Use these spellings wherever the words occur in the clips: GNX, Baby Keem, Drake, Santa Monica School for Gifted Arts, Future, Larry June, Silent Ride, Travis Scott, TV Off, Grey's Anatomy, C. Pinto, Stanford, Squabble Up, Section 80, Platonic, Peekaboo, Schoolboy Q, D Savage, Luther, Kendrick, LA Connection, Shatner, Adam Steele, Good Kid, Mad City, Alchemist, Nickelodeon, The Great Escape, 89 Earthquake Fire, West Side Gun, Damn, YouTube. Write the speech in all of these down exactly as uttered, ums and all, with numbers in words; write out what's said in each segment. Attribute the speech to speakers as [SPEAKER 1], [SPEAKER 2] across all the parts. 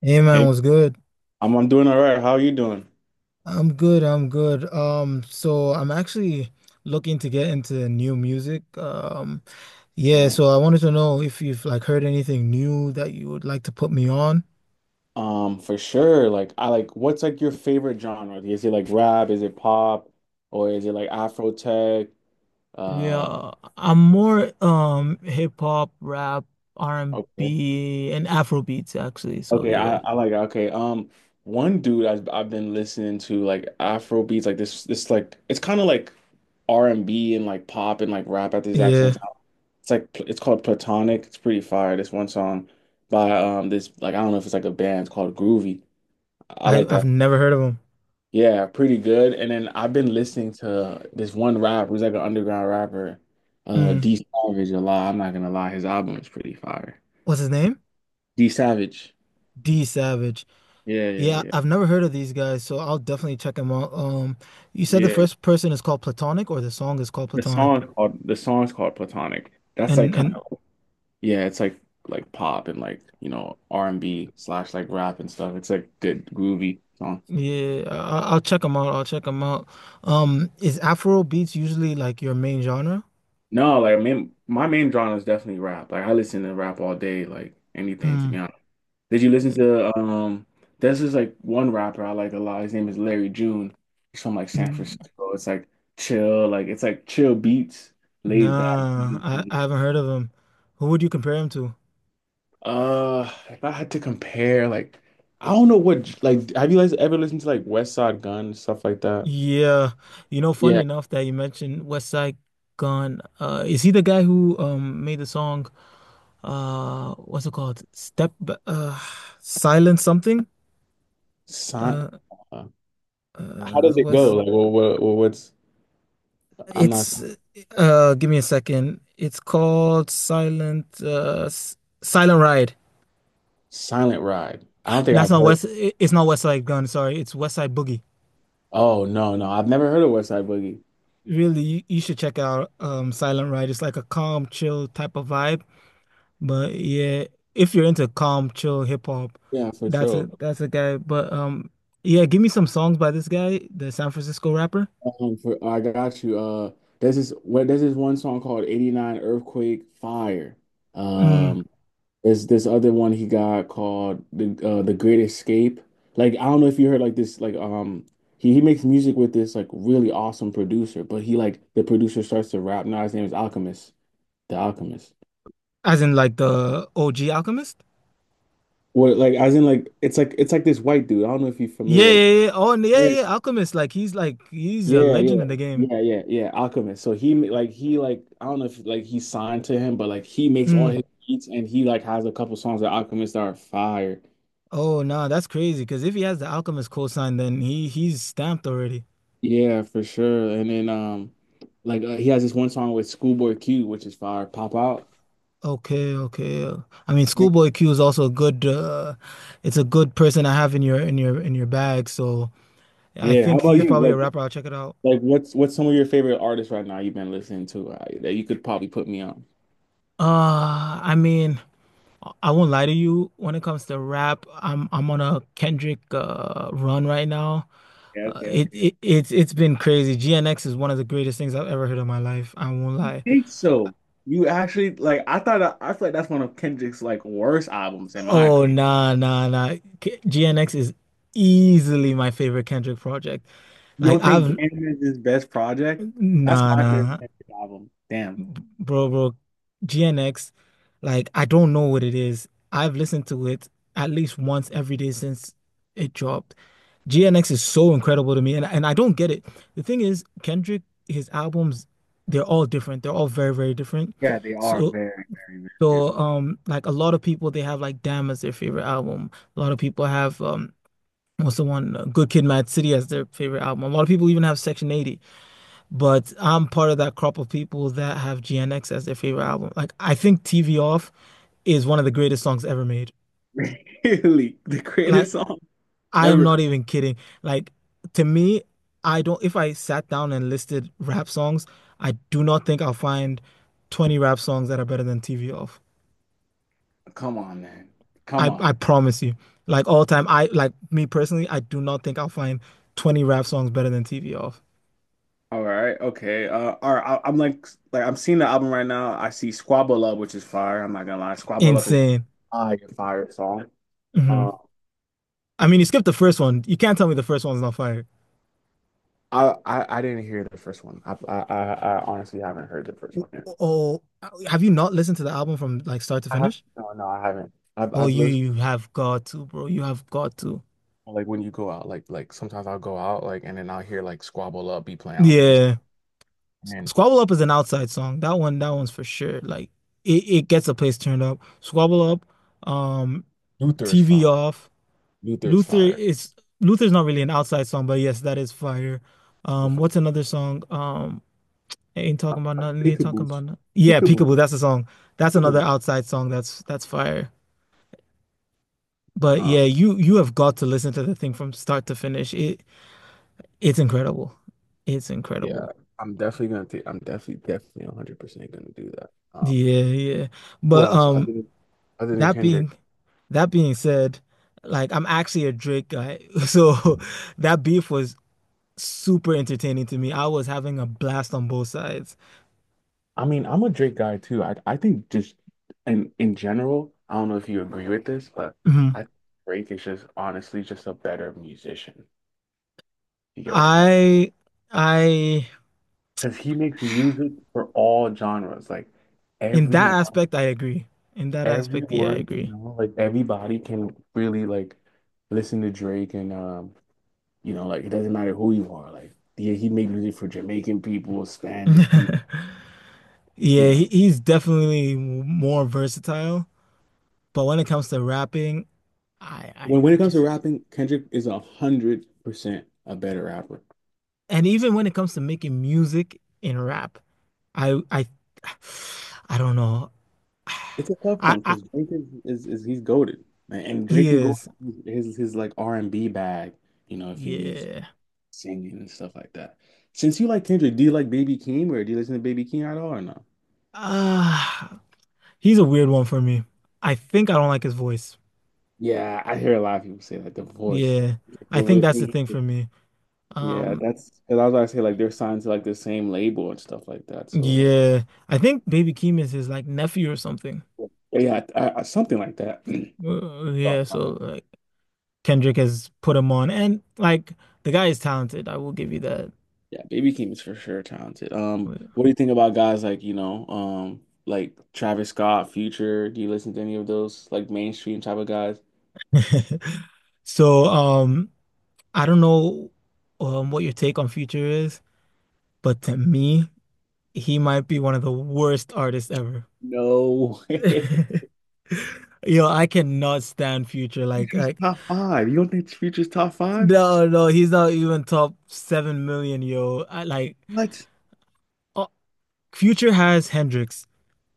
[SPEAKER 1] Hey man,
[SPEAKER 2] Hey,
[SPEAKER 1] was good?
[SPEAKER 2] I'm I'm doing all right. How are you doing?
[SPEAKER 1] I'm good, I'm good. Um, so I'm actually looking to get into new music. Um,
[SPEAKER 2] All
[SPEAKER 1] yeah,
[SPEAKER 2] right.
[SPEAKER 1] so I wanted to know if you've like heard anything new that you would like to put me on.
[SPEAKER 2] Um, for sure. Like I like what's like your favorite genre? Like, is it like rap? Is it pop? Or is it like Afro tech? Uh,
[SPEAKER 1] Yeah, I'm more um hip hop, rap, R and B, and
[SPEAKER 2] okay.
[SPEAKER 1] B, and Afro beats actually. So
[SPEAKER 2] Okay, I,
[SPEAKER 1] yeah.
[SPEAKER 2] I like okay. Um, one dude I've I've been listening to like Afro beats, like this this like it's kind of like R and B and like pop and like rap at the exact same
[SPEAKER 1] Yeah,
[SPEAKER 2] time. It's like it's called Platonic. It's pretty fire. This one song by um this, like I don't know if it's like a band. It's called Groovy. I
[SPEAKER 1] I
[SPEAKER 2] like
[SPEAKER 1] I've
[SPEAKER 2] that.
[SPEAKER 1] never heard of him.
[SPEAKER 2] Yeah, pretty good. And then I've been listening to this one rapper who's like an underground rapper, uh
[SPEAKER 1] Mm.
[SPEAKER 2] D Savage a lot. I'm not gonna lie, his album is pretty fire.
[SPEAKER 1] What's his name?
[SPEAKER 2] D Savage.
[SPEAKER 1] D Savage.
[SPEAKER 2] Yeah, yeah,
[SPEAKER 1] Yeah,
[SPEAKER 2] yeah.
[SPEAKER 1] I've never heard of these guys, so I'll definitely check them out. Um, you said the
[SPEAKER 2] Yeah.
[SPEAKER 1] first person is called Platonic, or the song is called
[SPEAKER 2] The
[SPEAKER 1] Platonic,
[SPEAKER 2] song's called the song's called Platonic. That's like
[SPEAKER 1] and
[SPEAKER 2] kind
[SPEAKER 1] and
[SPEAKER 2] of yeah, it's like like pop and, like, you know, R and B slash like rap and stuff. It's like good groovy song.
[SPEAKER 1] yeah, I, I'll check them out. I'll check them out. Um, is Afro beats usually like your main genre?
[SPEAKER 2] No, like I mean my main genre is definitely rap. Like I listen to rap all day, like anything to be
[SPEAKER 1] Mm.
[SPEAKER 2] honest. Did you listen to um there's this like one rapper I like a lot. His name is Larry June. He's from like San
[SPEAKER 1] N-
[SPEAKER 2] Francisco. It's like chill, like it's like chill beats, laid back.
[SPEAKER 1] Nah, I, I haven't heard of him. Who would you compare him to?
[SPEAKER 2] Uh, if I had to compare, like I don't know what, like have you guys ever listened to like West Side Gun, stuff like that?
[SPEAKER 1] Yeah, you know, funny
[SPEAKER 2] Yeah.
[SPEAKER 1] enough that you mentioned West Side Gun. Uh, is he the guy who um made the song? Uh, what's it called? Step, B- uh, Silent something.
[SPEAKER 2] Si- uh,
[SPEAKER 1] Uh,
[SPEAKER 2] how does
[SPEAKER 1] uh,
[SPEAKER 2] it
[SPEAKER 1] what's
[SPEAKER 2] go? Like what, what well, what's I'm not
[SPEAKER 1] it's Uh, give me a second. It's called Silent. Uh, S- Silent Ride.
[SPEAKER 2] Silent Ride. I don't think
[SPEAKER 1] That's
[SPEAKER 2] I've
[SPEAKER 1] not
[SPEAKER 2] heard.
[SPEAKER 1] West. i- It's not West Side Gun. Sorry, it's West Side Boogie.
[SPEAKER 2] Oh no, no, I've never heard of West Side Boogie.
[SPEAKER 1] Really, you, you should check out um Silent Ride. It's like a calm, chill type of vibe. But yeah, if you're into calm, chill hip hop,
[SPEAKER 2] Yeah, for
[SPEAKER 1] that's a
[SPEAKER 2] sure.
[SPEAKER 1] that's a guy. But um, yeah, give me some songs by this guy, the San Francisco rapper.
[SPEAKER 2] Um, for- I got you. Uh, there's this what there's this one song called "eighty-nine Earthquake Fire."
[SPEAKER 1] Mm.
[SPEAKER 2] Um, there's this other one he got called the uh, the Great Escape. Like I don't know if you heard like this like um he, he makes music with this like really awesome producer, but he, like the producer starts to rap. Now his name is Alchemist, the Alchemist.
[SPEAKER 1] As in like the O G Alchemist?
[SPEAKER 2] What, like as in like it's like it's like this white dude. I don't know if you're
[SPEAKER 1] Yeah, yeah,
[SPEAKER 2] familiar
[SPEAKER 1] yeah, yeah. Oh, and yeah,
[SPEAKER 2] like.
[SPEAKER 1] yeah. Alchemist, like he's like he's a
[SPEAKER 2] Yeah,
[SPEAKER 1] legend
[SPEAKER 2] yeah,
[SPEAKER 1] in the game.
[SPEAKER 2] yeah, yeah, yeah. Alchemist. So he ma- like he, like I don't know if like he signed to him, but like he makes all
[SPEAKER 1] Mm.
[SPEAKER 2] his beats and he like has a couple songs that Alchemist that are fire.
[SPEAKER 1] Oh, nah, that's crazy. Because if he has the Alchemist cosign, then he he's stamped already.
[SPEAKER 2] Yeah, for sure. And then um like uh, he has this one song with Schoolboy Q, which is fire. Pop out.
[SPEAKER 1] Okay, okay. I mean,
[SPEAKER 2] Yeah.
[SPEAKER 1] Schoolboy Q is also a good. Uh, it's a good person to have in your in your in your bag. So. I
[SPEAKER 2] Yeah. How
[SPEAKER 1] think
[SPEAKER 2] about
[SPEAKER 1] he's
[SPEAKER 2] you?
[SPEAKER 1] probably a
[SPEAKER 2] Like
[SPEAKER 1] rapper. I'll check it out.
[SPEAKER 2] like what's what's some of your favorite artists right now you've been listening to, uh, that you could probably put me on?
[SPEAKER 1] Uh, I mean, I won't lie to you. When it comes to rap, I'm I'm on a Kendrick uh run right now.
[SPEAKER 2] Yeah,
[SPEAKER 1] Uh,
[SPEAKER 2] okay,
[SPEAKER 1] it
[SPEAKER 2] okay.
[SPEAKER 1] it it's it's been crazy. G N X is one of the greatest things I've ever heard in my life. I won't lie.
[SPEAKER 2] Think so. You actually like I thought I, I feel like that's one of Kendrick's like worst albums in my
[SPEAKER 1] Oh,
[SPEAKER 2] opinion.
[SPEAKER 1] nah nah nah. K- G N X is easily my favorite Kendrick project.
[SPEAKER 2] You
[SPEAKER 1] Like
[SPEAKER 2] don't think
[SPEAKER 1] I've
[SPEAKER 2] Damn is his best project? That's
[SPEAKER 1] Nah,
[SPEAKER 2] my favorite
[SPEAKER 1] nah.
[SPEAKER 2] album. Damn.
[SPEAKER 1] Bro, bro, G N X, like I don't know what it is. I've listened to it at least once every day since it dropped. G N X is so incredible to me, and and I don't get it. The thing is, Kendrick, his albums, they're all different. They're all very, very different.
[SPEAKER 2] Yeah, they are
[SPEAKER 1] So,
[SPEAKER 2] very, very, very
[SPEAKER 1] so
[SPEAKER 2] different.
[SPEAKER 1] um, like a lot of people, they have like Damn as their favorite album. A lot of people have um, what's the one? Uh, Good Kid, Mad City as their favorite album. A lot of people even have Section eighty. But I'm part of that crop of people that have G N X as their favorite album. Like, I think T V Off is one of the greatest songs ever made.
[SPEAKER 2] Really? The
[SPEAKER 1] Like,
[SPEAKER 2] greatest song
[SPEAKER 1] I am
[SPEAKER 2] ever.
[SPEAKER 1] not even kidding. Like, to me, I don't, if I sat down and listed rap songs, I do not think I'll find twenty rap songs that are better than T V Off.
[SPEAKER 2] Come on, man. Come
[SPEAKER 1] I, I
[SPEAKER 2] on.
[SPEAKER 1] promise you. Like, all time, I, like, me personally, I do not think I'll find twenty rap songs better than T V Off.
[SPEAKER 2] All right. Okay. Uh, all right. I, I'm like, like I'm seeing the album right now. I see Squabble Up, which is fire. I'm not gonna lie. Squabble Up is
[SPEAKER 1] Insane.
[SPEAKER 2] fire, fire song.
[SPEAKER 1] Hmm.
[SPEAKER 2] Uh,
[SPEAKER 1] I mean, you skipped the first one. You can't tell me the first one's not fire.
[SPEAKER 2] I, I I didn't hear the first one. I I I, I honestly haven't heard the first one yet.
[SPEAKER 1] Oh, have you not listened to the album from like start to
[SPEAKER 2] I have,
[SPEAKER 1] finish?
[SPEAKER 2] no, no, I haven't. I've
[SPEAKER 1] Oh,
[SPEAKER 2] I've
[SPEAKER 1] you
[SPEAKER 2] lis-
[SPEAKER 1] you have got to, bro. You have got to.
[SPEAKER 2] like when you go out, like like sometimes I'll go out, like and then I'll hear like Squabble Up be playing. I was like, this
[SPEAKER 1] Yeah.
[SPEAKER 2] man,
[SPEAKER 1] Squabble Up is an outside song. That one, that one's for sure. Like it, it gets the place turned up. Squabble Up, um,
[SPEAKER 2] Luther is
[SPEAKER 1] T V
[SPEAKER 2] fire.
[SPEAKER 1] off.
[SPEAKER 2] Luther is
[SPEAKER 1] Luther
[SPEAKER 2] fire.
[SPEAKER 1] is Luther's not really an outside song, but yes, that is fire. Um,
[SPEAKER 2] Different
[SPEAKER 1] what's another song? Um, ain't talking about
[SPEAKER 2] like
[SPEAKER 1] nothing, ain't talking
[SPEAKER 2] peekaboo's
[SPEAKER 1] about nothing. Yeah,
[SPEAKER 2] peekaboo
[SPEAKER 1] Peekaboo, that's a song. That's another
[SPEAKER 2] peekaboo.
[SPEAKER 1] outside song that's that's fire. But yeah,
[SPEAKER 2] Um
[SPEAKER 1] you you have got to listen to the thing from start to finish. It it's incredible. It's
[SPEAKER 2] yeah,
[SPEAKER 1] incredible.
[SPEAKER 2] I'm definitely gonna take I'm definitely definitely one hundred percent gonna do that. Um
[SPEAKER 1] Yeah, yeah.
[SPEAKER 2] who
[SPEAKER 1] But
[SPEAKER 2] else other
[SPEAKER 1] um
[SPEAKER 2] than other than
[SPEAKER 1] that
[SPEAKER 2] Kendrick?
[SPEAKER 1] being that being said, like I'm actually a Drake guy. So that beef was super entertaining to me. I was having a blast on both sides.
[SPEAKER 2] I mean, I'm a Drake guy too. I I think just in in general, I don't know if you agree with this, but
[SPEAKER 1] Mhm.
[SPEAKER 2] I think Drake is just honestly just a better musician. You get what I'm saying?
[SPEAKER 1] I I
[SPEAKER 2] Because he makes music for all genres. Like
[SPEAKER 1] In that
[SPEAKER 2] everyone,
[SPEAKER 1] aspect I agree. In that aspect, yeah, I
[SPEAKER 2] everyone, you
[SPEAKER 1] agree.
[SPEAKER 2] know, like everybody can really like listen to Drake and, um, you know, like it doesn't matter who you are. Like yeah, he made music for Jamaican people, Spanish people, you
[SPEAKER 1] Yeah, he,
[SPEAKER 2] know.
[SPEAKER 1] he's definitely more versatile, but when it comes to rapping, I, I
[SPEAKER 2] When when
[SPEAKER 1] I
[SPEAKER 2] it comes to
[SPEAKER 1] just
[SPEAKER 2] rapping, Kendrick is a hundred percent a better rapper.
[SPEAKER 1] and even when it comes to making music in rap, I I I don't know.
[SPEAKER 2] It's a tough
[SPEAKER 1] I
[SPEAKER 2] one
[SPEAKER 1] I
[SPEAKER 2] because Drake is, is is he's goaded, and
[SPEAKER 1] He
[SPEAKER 2] Drake can go
[SPEAKER 1] is
[SPEAKER 2] his his like R and B bag, you know, if he needs
[SPEAKER 1] yeah.
[SPEAKER 2] singing and stuff like that. Since you like Kendrick, do you like Baby Keem or do you listen to Baby Keem at all or no?
[SPEAKER 1] Uh, he's a weird one for me. I think I don't like his voice.
[SPEAKER 2] Yeah, I hear a lot of people say like the voice
[SPEAKER 1] Yeah. I think
[SPEAKER 2] with
[SPEAKER 1] that's the
[SPEAKER 2] me.
[SPEAKER 1] thing for me.
[SPEAKER 2] Yeah,
[SPEAKER 1] Um
[SPEAKER 2] that's because I was about to say like they're signed to like the same label and stuff like that. So
[SPEAKER 1] yeah. I think Baby Keem is his like nephew or something.
[SPEAKER 2] like yeah, I, I, something like that. Sorry
[SPEAKER 1] Uh, yeah,
[SPEAKER 2] about
[SPEAKER 1] so
[SPEAKER 2] that.
[SPEAKER 1] like Kendrick has put him on and like the guy is talented. I will give you that.
[SPEAKER 2] Yeah, Baby Keem is for sure talented. Um, what do you think about guys like, you know, um, like Travis Scott, Future? Do you listen to any of those like mainstream type of guys?
[SPEAKER 1] So, um, I don't know um, what your take on Future is, but to me, he might be one of the worst artists ever.
[SPEAKER 2] No way.
[SPEAKER 1] Yo, I cannot stand Future. Like,
[SPEAKER 2] Future's
[SPEAKER 1] like
[SPEAKER 2] top five. You don't think Future's top five?
[SPEAKER 1] no, no, he's not even top seven million. Yo, I, like,
[SPEAKER 2] What?
[SPEAKER 1] uh, Future has Hendrix.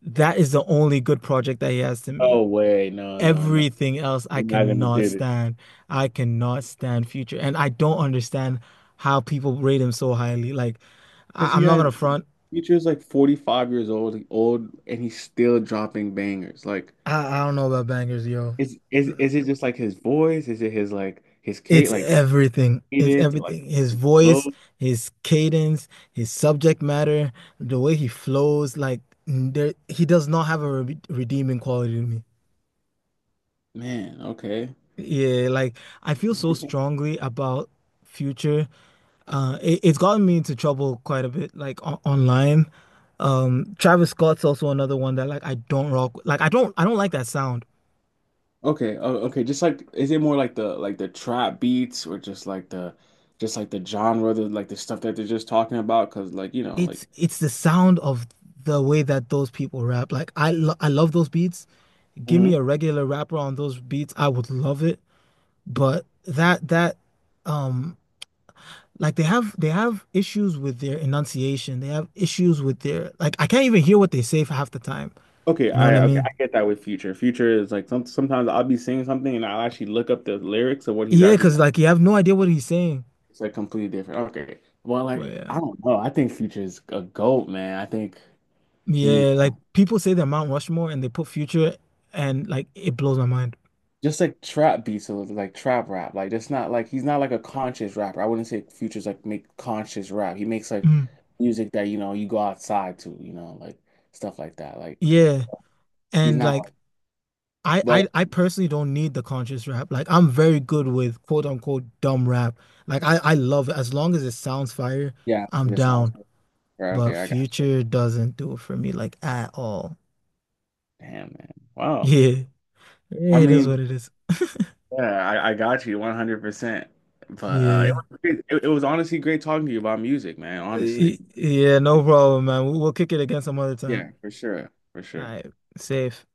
[SPEAKER 1] That is the only good project that he has to me.
[SPEAKER 2] No way. No, no, no.
[SPEAKER 1] Everything else, I
[SPEAKER 2] We're not gonna do
[SPEAKER 1] cannot
[SPEAKER 2] it.
[SPEAKER 1] stand. I cannot stand Future, and I don't understand how people rate him so highly. Like,
[SPEAKER 2] Because
[SPEAKER 1] I,
[SPEAKER 2] he
[SPEAKER 1] I'm not gonna
[SPEAKER 2] had
[SPEAKER 1] front.
[SPEAKER 2] future is like forty-five years old, old, and he's still dropping bangers. Like,
[SPEAKER 1] I, I don't know about bangers, yo.
[SPEAKER 2] is is is it just like his voice? Is it his like his Kate
[SPEAKER 1] It's
[SPEAKER 2] like
[SPEAKER 1] everything. It's
[SPEAKER 2] cadence or like
[SPEAKER 1] everything. His
[SPEAKER 2] his flow?
[SPEAKER 1] voice, his cadence, his subject matter, the way he flows, like there, he does not have a re redeeming quality to me.
[SPEAKER 2] Man, okay.
[SPEAKER 1] Yeah, like I feel so strongly about Future. Uh, it, it's gotten me into trouble quite a bit, like on online. Um, Travis Scott's also another one that like I don't rock. Like I don't, I don't like that sound.
[SPEAKER 2] Okay, oh, okay. Just like, is it more like the like the trap beats or just like the just like the genre, the like the stuff that they're just talking about? Because like you know, like
[SPEAKER 1] It's it's the sound of the way that those people rap. Like I lo I love those beats. Give me a regular rapper on those beats, I would love it. But that that um like they have they have issues with their enunciation. They have issues with their like I can't even hear what they say for half the time.
[SPEAKER 2] okay,
[SPEAKER 1] You know what
[SPEAKER 2] I
[SPEAKER 1] I
[SPEAKER 2] okay,
[SPEAKER 1] mean?
[SPEAKER 2] I get that with Future. Future is like some sometimes I'll be seeing something and I'll actually look up the lyrics of what he's
[SPEAKER 1] Yeah,
[SPEAKER 2] actually
[SPEAKER 1] because like you have no idea what he's saying.
[SPEAKER 2] it's like completely different. Okay. Well,
[SPEAKER 1] But
[SPEAKER 2] like
[SPEAKER 1] yeah.
[SPEAKER 2] I don't know. I think Future is a GOAT, man. I think he's
[SPEAKER 1] Yeah, like people say they're Mount Rushmore and they put Future and like it blows my mind.
[SPEAKER 2] just like trap beats, so it's like trap rap. Like it's not like he's not like a conscious rapper. I wouldn't say Future's like make conscious rap. He makes like
[SPEAKER 1] Mm.
[SPEAKER 2] music that, you know, you go outside to, you know, like stuff like that. Like
[SPEAKER 1] Yeah.
[SPEAKER 2] he's
[SPEAKER 1] And
[SPEAKER 2] not like,
[SPEAKER 1] like I,
[SPEAKER 2] but
[SPEAKER 1] I I personally don't need the conscious rap. Like I'm very good with quote unquote dumb rap. Like I I love it. As long as it sounds fire,
[SPEAKER 2] yeah,
[SPEAKER 1] I'm
[SPEAKER 2] this sounds
[SPEAKER 1] down.
[SPEAKER 2] right. Okay,
[SPEAKER 1] But
[SPEAKER 2] I got you.
[SPEAKER 1] Future doesn't do it for me like at all.
[SPEAKER 2] Damn, man. Wow.
[SPEAKER 1] Yeah, yeah,
[SPEAKER 2] I
[SPEAKER 1] it is
[SPEAKER 2] mean,
[SPEAKER 1] what it is.
[SPEAKER 2] yeah, I, I got you one hundred percent. But uh,
[SPEAKER 1] Yeah,
[SPEAKER 2] it was great. It, it was honestly great talking to you about music, man. Honestly.
[SPEAKER 1] Y- yeah, no problem, man. We'll, we'll kick it again some other time.
[SPEAKER 2] Yeah, for sure. For
[SPEAKER 1] All
[SPEAKER 2] sure.
[SPEAKER 1] right, safe.